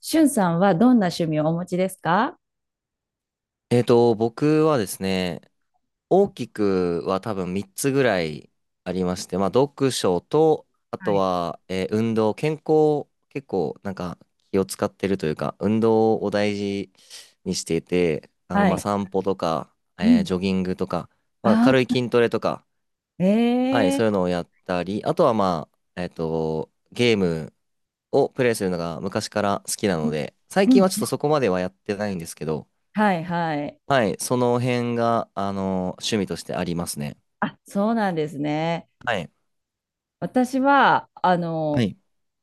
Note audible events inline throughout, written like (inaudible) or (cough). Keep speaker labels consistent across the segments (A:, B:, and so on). A: しゅんさんはどんな趣味をお持ちですか？
B: 僕はですね、大きくは多分3つぐらいありまして、読書と、あ
A: は
B: と
A: い。
B: は、運動、健康、結構なんか気を使ってるというか、運動を大事にしていて、
A: はい。
B: 散歩とか、
A: うん。
B: ジョギングとか、
A: あ、
B: 軽い筋トレとか、はい、
A: え
B: そういう
A: え、
B: のをやったり、あとはまあ、えっと、ゲームをプレイするのが昔から好きなので、最
A: う
B: 近
A: ん。
B: はちょっとそこまではやってないんですけど、
A: はいはい。
B: はい、その辺が、趣味としてありますね。
A: あ、そうなんですね。
B: はい。
A: 私は、
B: はい。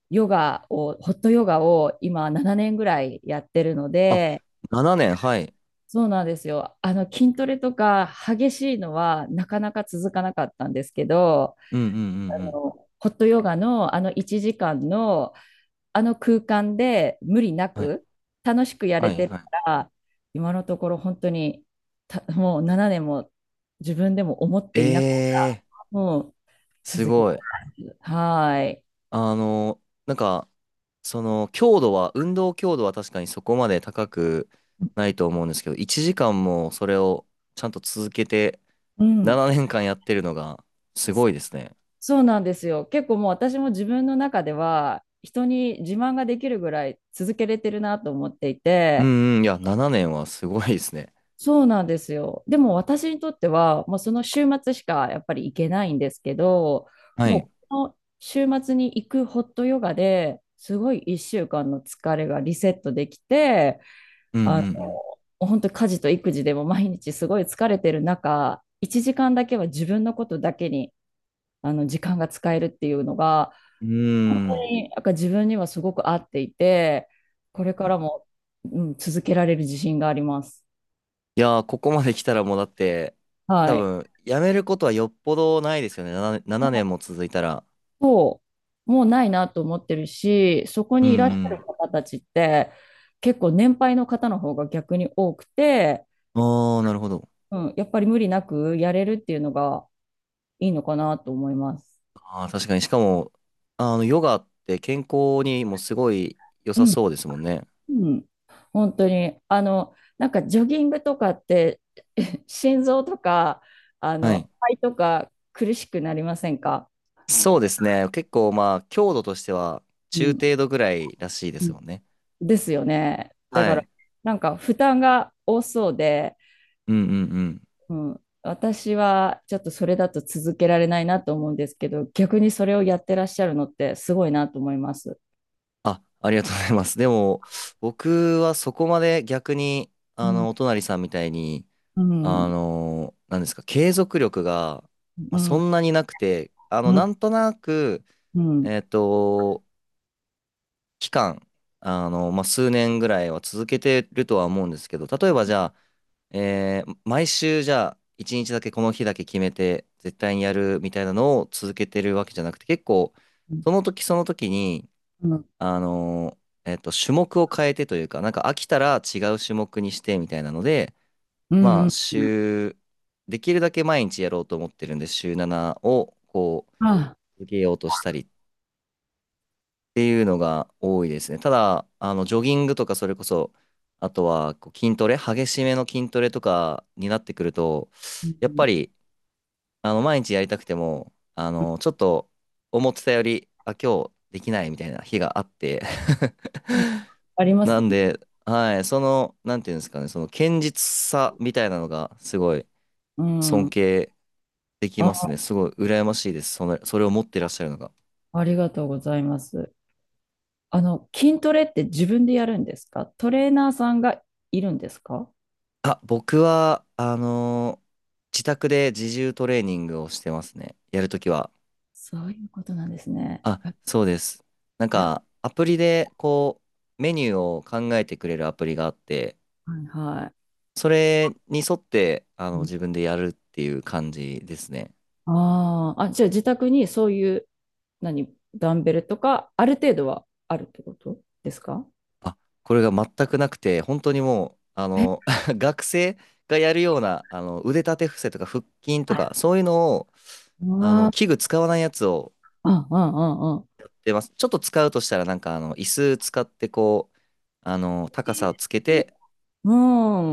A: ヨガを、ホットヨガを今7年ぐらいやってるの
B: あ、
A: で、
B: 7年、はい。
A: そうなんですよ。筋トレとか激しいのはなかなか続かなかったんですけど、
B: うんうんうんうん。
A: ホットヨガのあの1時間のあの空間で無理な
B: はい。
A: く楽しくやれ
B: はい。
A: てる
B: はい。
A: から、今のところ本当にもう7年も自分でも思っていなく、
B: ええ
A: もう
B: ー、す
A: 続けま
B: ごい。
A: す。はーい、
B: あの、なんか、強度は、運動強度は確かにそこまで高くないと思うんですけど、1時間もそれをちゃんと続けて、
A: うん、
B: 7年間やってるのが、すごいですね。
A: そうなんですよ。結構もう私も自分の中では人に自慢ができるぐらい続けれてるなと思ってい
B: う
A: て、
B: んうん、いや、7年はすごいですね。
A: そうなんですよ。でも私にとっては、もうその週末しかやっぱり行けないんですけど、
B: はい。
A: もうこの週末に行くホットヨガですごい1週間の疲れがリセットできて、
B: うんう
A: あの、
B: ん
A: 本当家事と育児でも毎日すごい疲れてる中、1時間だけは自分のことだけにあの時間が使えるっていうのが、
B: うん。
A: 本
B: うー
A: 当
B: ん。
A: になんか自分にはすごく合っていて、これ
B: う
A: から
B: ん。
A: も、うん、続けられる自信があります。
B: いやー、ここまで来たらもうだって、
A: は
B: 多
A: い。
B: 分、やめることはよっぽどないですよね。7年も続いたら。
A: そう、もうないなと思ってるし、そこ
B: う
A: にいらっしゃる
B: ん
A: 方たちって結構年配の方の方が逆に多くて、
B: うん。ああ、なるほど。
A: うん、やっぱり無理なくやれるっていうのがいいのかなと思います。
B: ああ、確かに。しかも、ヨガって健康にもすごい良
A: う
B: さ
A: ん、
B: そうですもんね。
A: うん、本当に。なんかジョギングとかって (laughs) 心臓とか、
B: はい。
A: 肺とか苦しくなりませんか？
B: そうですね。結構まあ、強度としては
A: う
B: 中
A: ん、
B: 程度ぐらいらしいで
A: う
B: す
A: ん、
B: もんね。
A: ですよね。だ
B: は
A: から、
B: い。
A: なんか負担が多そうで、
B: うんうんうん。
A: うん、私はちょっとそれだと続けられないなと思うんですけど、逆にそれをやってらっしゃるのってすごいなと思います。
B: あ、ありがとうございます。でも、僕はそこまで逆に、
A: うん、
B: お隣さんみたいに、
A: うん、
B: なんですか、継続力が、ま
A: う
B: あ、そ
A: ん、
B: んなになくて、
A: うん、う
B: な
A: ん、
B: んとなく、
A: うん、
B: えっと、期間、数年ぐらいは続けてるとは思うんですけど、例えばじゃあ、毎週じゃあ、一日だけこの日だけ決めて、絶対にやるみたいなのを続けてるわけじゃなくて、結構、
A: うん、
B: その時その時に、あの種目を変えてというか、なんか飽きたら違う種目にしてみたいなので、
A: う
B: ま
A: ん、う
B: あ、
A: ん、
B: 週、できるだけ毎日やろうと思ってるんで、週7をこう、
A: あ、
B: 続けようとしたりっていうのが多いですね。ただ、ジョギングとか、それこそ、あとはこう筋トレ、激しめの筋トレとかになってくると、
A: う
B: やっぱ
A: ん、
B: り、毎日やりたくても、ちょっと思ってたより、あ、今日できないみたいな日があって
A: うん、あり
B: (laughs)
A: ます
B: な
A: よ
B: ん
A: ね。
B: で、はい、その、なんていうんですかね、その堅実さみたいなのがすごい
A: う
B: 尊
A: ん。
B: 敬できます
A: あ、
B: ね。すごい羨ましいです。その、それを持ってらっしゃるのが。
A: ありがとうございます。筋トレって自分でやるんですか？トレーナーさんがいるんですか？
B: あ、僕は、自宅で自重トレーニングをしてますね。やるときは。
A: そういうことなんですね。
B: あ、
A: あ、
B: そうです。
A: え、え、
B: アプリで、メニューを考えてくれるアプリがあって、
A: はいはい。
B: それに沿って、自分でやるっていう感じですね。
A: ああ、ー、あ、じゃあ自宅にそういう何、ダンベルとか、ある程度はあるってことですか？
B: あ、これが全くなくて、本当にもう、
A: え、
B: (laughs) 学生がやるような、腕立て伏せとか腹筋と
A: あ
B: か、そういうのを、
A: ああ、
B: 器具使わないやつを
A: あ、あ、ああ、
B: 出ます。ちょっと使うとしたら、椅子使って、高さをつけて、
A: う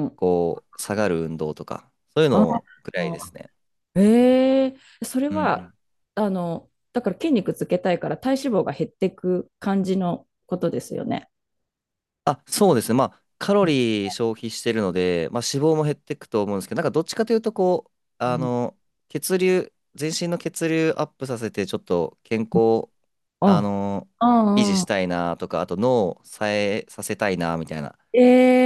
A: ん、
B: こう、下がる運動とか、そういう
A: あ、
B: のぐらいで
A: あ、
B: すね。
A: ええーそれ
B: うんう
A: は、
B: ん。
A: だから筋肉つけたいから体脂肪が減っていく感じのことですよね。
B: あ、そうですね。まあ、カロリー消費してるので、まあ、脂肪も減っていくと思うんですけど、なんか、どっちかというと、
A: う
B: あ
A: ん、
B: の、血流、全身の血流アップさせて、ちょっと健康、あ
A: あ、
B: の、
A: あ、
B: 維持し
A: あ、
B: たいなとか、あと脳を冴えさせたいなみたいな
A: え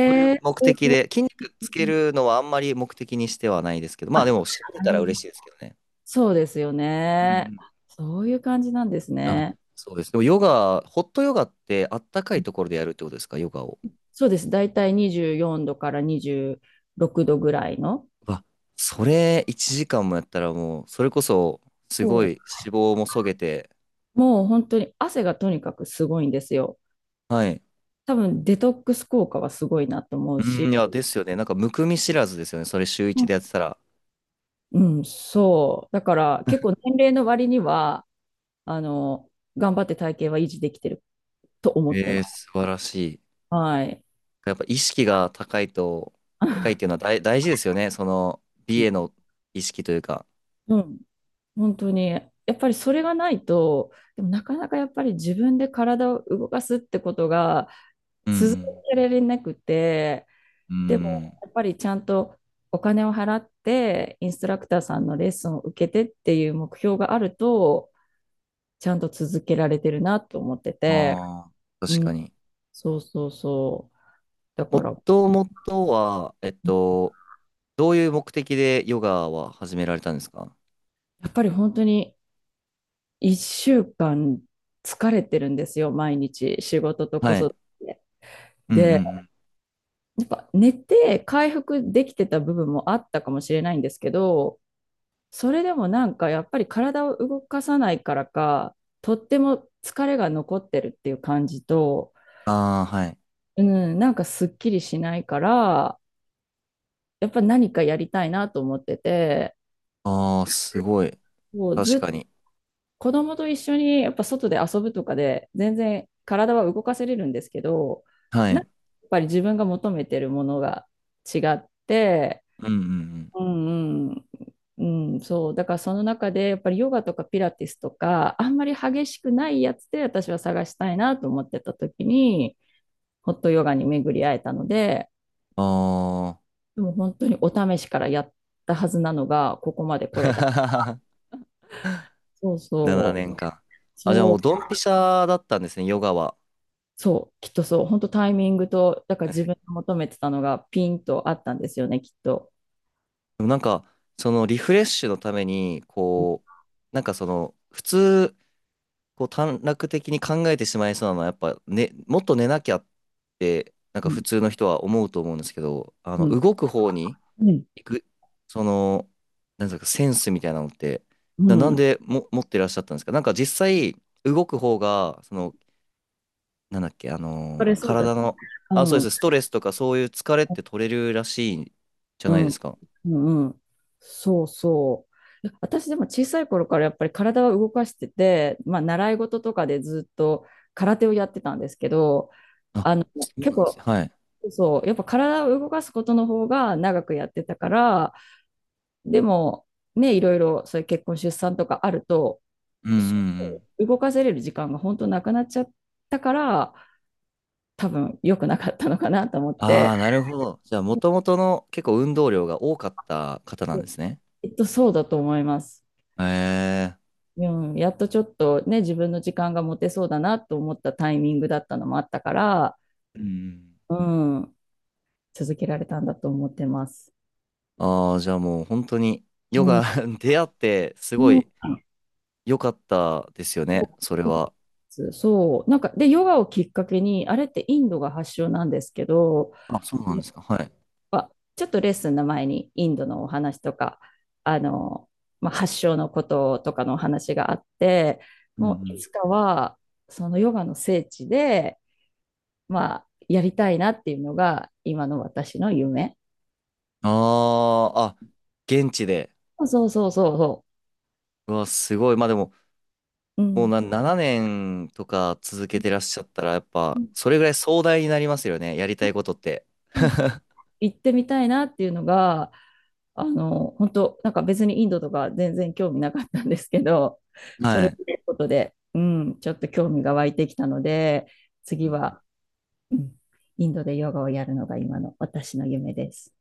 B: そういう
A: えーす
B: 目的
A: ごい。
B: で、筋肉つけるのはあんまり目的にしてはないですけど、まあ
A: あ、
B: で
A: な
B: も、しびれたら
A: るほ
B: 嬉
A: ど、
B: しいですけどね。
A: そうですよ
B: うんう
A: ね。
B: ん。
A: そういう感じなんです
B: あ、
A: ね。
B: そうです。でも、ヨガ、ホットヨガってあったかいところでやるってことですか、ヨガを。
A: そうです。だいたい24度から26度ぐらいの。
B: うわ、それ1時間もやったらもう、それこそ、すごい
A: そ
B: 脂肪もそげて、
A: う。もう本当に汗がとにかくすごいんですよ。
B: はい。
A: 多分デトックス効果はすごいなと思う
B: うん、
A: し。
B: いや、ですよね。なんか、むくみ知らずですよね。それ週
A: うん、
B: 1でやってたら。
A: うん、そう。だから結構
B: (laughs)
A: 年齢の割には、あの、頑張って体型は維持できてると思って
B: え
A: ま
B: ー
A: す。
B: 素晴らしい。
A: はい。
B: やっぱ意識が高いと、高いっていうのは
A: (laughs)
B: 大、大事ですよね。その、美への意識というか。
A: うん、本当に。やっぱりそれがないと、でもなかなかやっぱり自分で体を動かすってことが
B: う
A: 続
B: ん
A: けられなくて、
B: うん。う
A: でも、
B: ん。
A: やっぱりちゃんとお金を払って、インストラクターさんのレッスンを受けてっていう目標があると、ちゃんと続けられてるなと思ってて、
B: ああ、
A: う
B: 確か
A: ん、
B: に。
A: そうそうそう。だ
B: も
A: から、や
B: ともとは、どういう目的でヨガは始められたんですか？
A: っぱり本当に1週間疲れてるんですよ、毎日、仕事と子
B: はい。
A: 育て。
B: うんうんう
A: で、
B: ん。
A: やっぱ寝て回復できてた部分もあったかもしれないんですけど、それでもなんかやっぱり体を動かさないからか、とっても疲れが残ってるっていう感じと、
B: ああ、はい。
A: うん、なんかすっきりしないから、やっぱ何かやりたいなと思ってて、
B: ああ、すごい。
A: もうず
B: 確
A: っと
B: かに。
A: 子供と一緒にやっぱ外で遊ぶとかで全然体は動かせれるんですけど、
B: は
A: なん
B: い。
A: かやっぱり自分が求めてるものが違って、
B: うんうん
A: うんうんうん、そう。だからその中で、やっぱりヨガとかピラティスとか、あんまり激しくないやつで私は探したいなと思ってた時に、ホットヨガに巡り会えたので、
B: うん。あ
A: でも本当にお試しからやったはずなのが、ここまで来れた。
B: あ。(laughs)
A: そう
B: 7
A: そう。
B: 年間。あ、じゃあ
A: そ
B: も
A: う、
B: うドンピシャだったんですね、ヨガは。
A: そう、きっとそう。本当タイミングと、だから自分が求めてたのがピンとあったんですよね、きっと。
B: でもなんか、そのリフレッシュのために、
A: うん、
B: なんかその、普通、こう短絡的に考えてしまいそうなのは、やっぱ、ね、もっと寝なきゃって、なんか普
A: う
B: 通の人は思うと思うんですけど、
A: ん、
B: 動く方に
A: うん、
B: 行く、その、なんですか、センスみたいなのって、
A: う
B: なん
A: ん。
B: でも持ってらっしゃったんですか？なんか実際、動く方が、その、なんだっけ、あ
A: そ
B: の
A: れそうだ。
B: 体の、あ、そう
A: う
B: で
A: ん。
B: す、ストレスとかそういう疲れって取れるらしいじゃ
A: う
B: ない
A: ん、
B: ですか。
A: うん、うん、そうそう。私でも小さい頃からやっぱり体は動かしてて、まあ、習い事とかでずっと空手をやってたんですけど、あ
B: あ、
A: の
B: そう
A: 結
B: なんですね。
A: 構
B: はい。
A: そう、やっぱ体を動かすことの方が長くやってたから、でもね、いろいろそういう結婚、出産とかあると、
B: うんう
A: そ
B: ん。
A: う動かせれる時間が本当なくなっちゃったから、多分良くなかったのかなと思っ
B: あ
A: て、
B: あ、なるほど。じゃあ、もともとの結構運動量が多かった方なんですね。
A: きっとそうだと思います。
B: へえ。
A: うん、やっとちょっとね、自分の時間が持てそうだなと思ったタイミングだったのもあったから、
B: うん。
A: うん、続けられたんだと思ってます。
B: ああ、じゃあもう本当に、ヨ
A: うん。
B: ガ (laughs) 出会って、す
A: う
B: ご
A: ん、
B: い良かったですよね。それは。
A: そう。なんか、で、ヨガをきっかけに、あれってインドが発祥なんですけど、
B: あ、そうなんですか。はい。
A: まあちょっとレッスンの前にインドのお話とか、あの、まあ、発祥のこととかのお話があって、
B: うんう
A: もうい
B: ん。
A: つかは、そのヨガの聖地で、まあ、やりたいなっていうのが、今の私の夢。
B: ああ、あ、現地で。
A: そうそうそうそ
B: うわ、すごい。まあでも、
A: う。う
B: もう
A: ん。
B: な、7年とか続けてらっしゃったら、やっ
A: う
B: ぱ、
A: ん、
B: それぐらい壮大になりますよね。やりたいことって。
A: そう、
B: (laughs)
A: 行ってみたいなっていうのが、本当なんか別にインドとか全然興味なかったんですけど、それ
B: は
A: を
B: い。
A: 見ることで、うん、ちょっと興味が湧いてきたので、
B: う
A: 次
B: ん
A: は、うん、インドでヨガをやるのが今の私の夢です。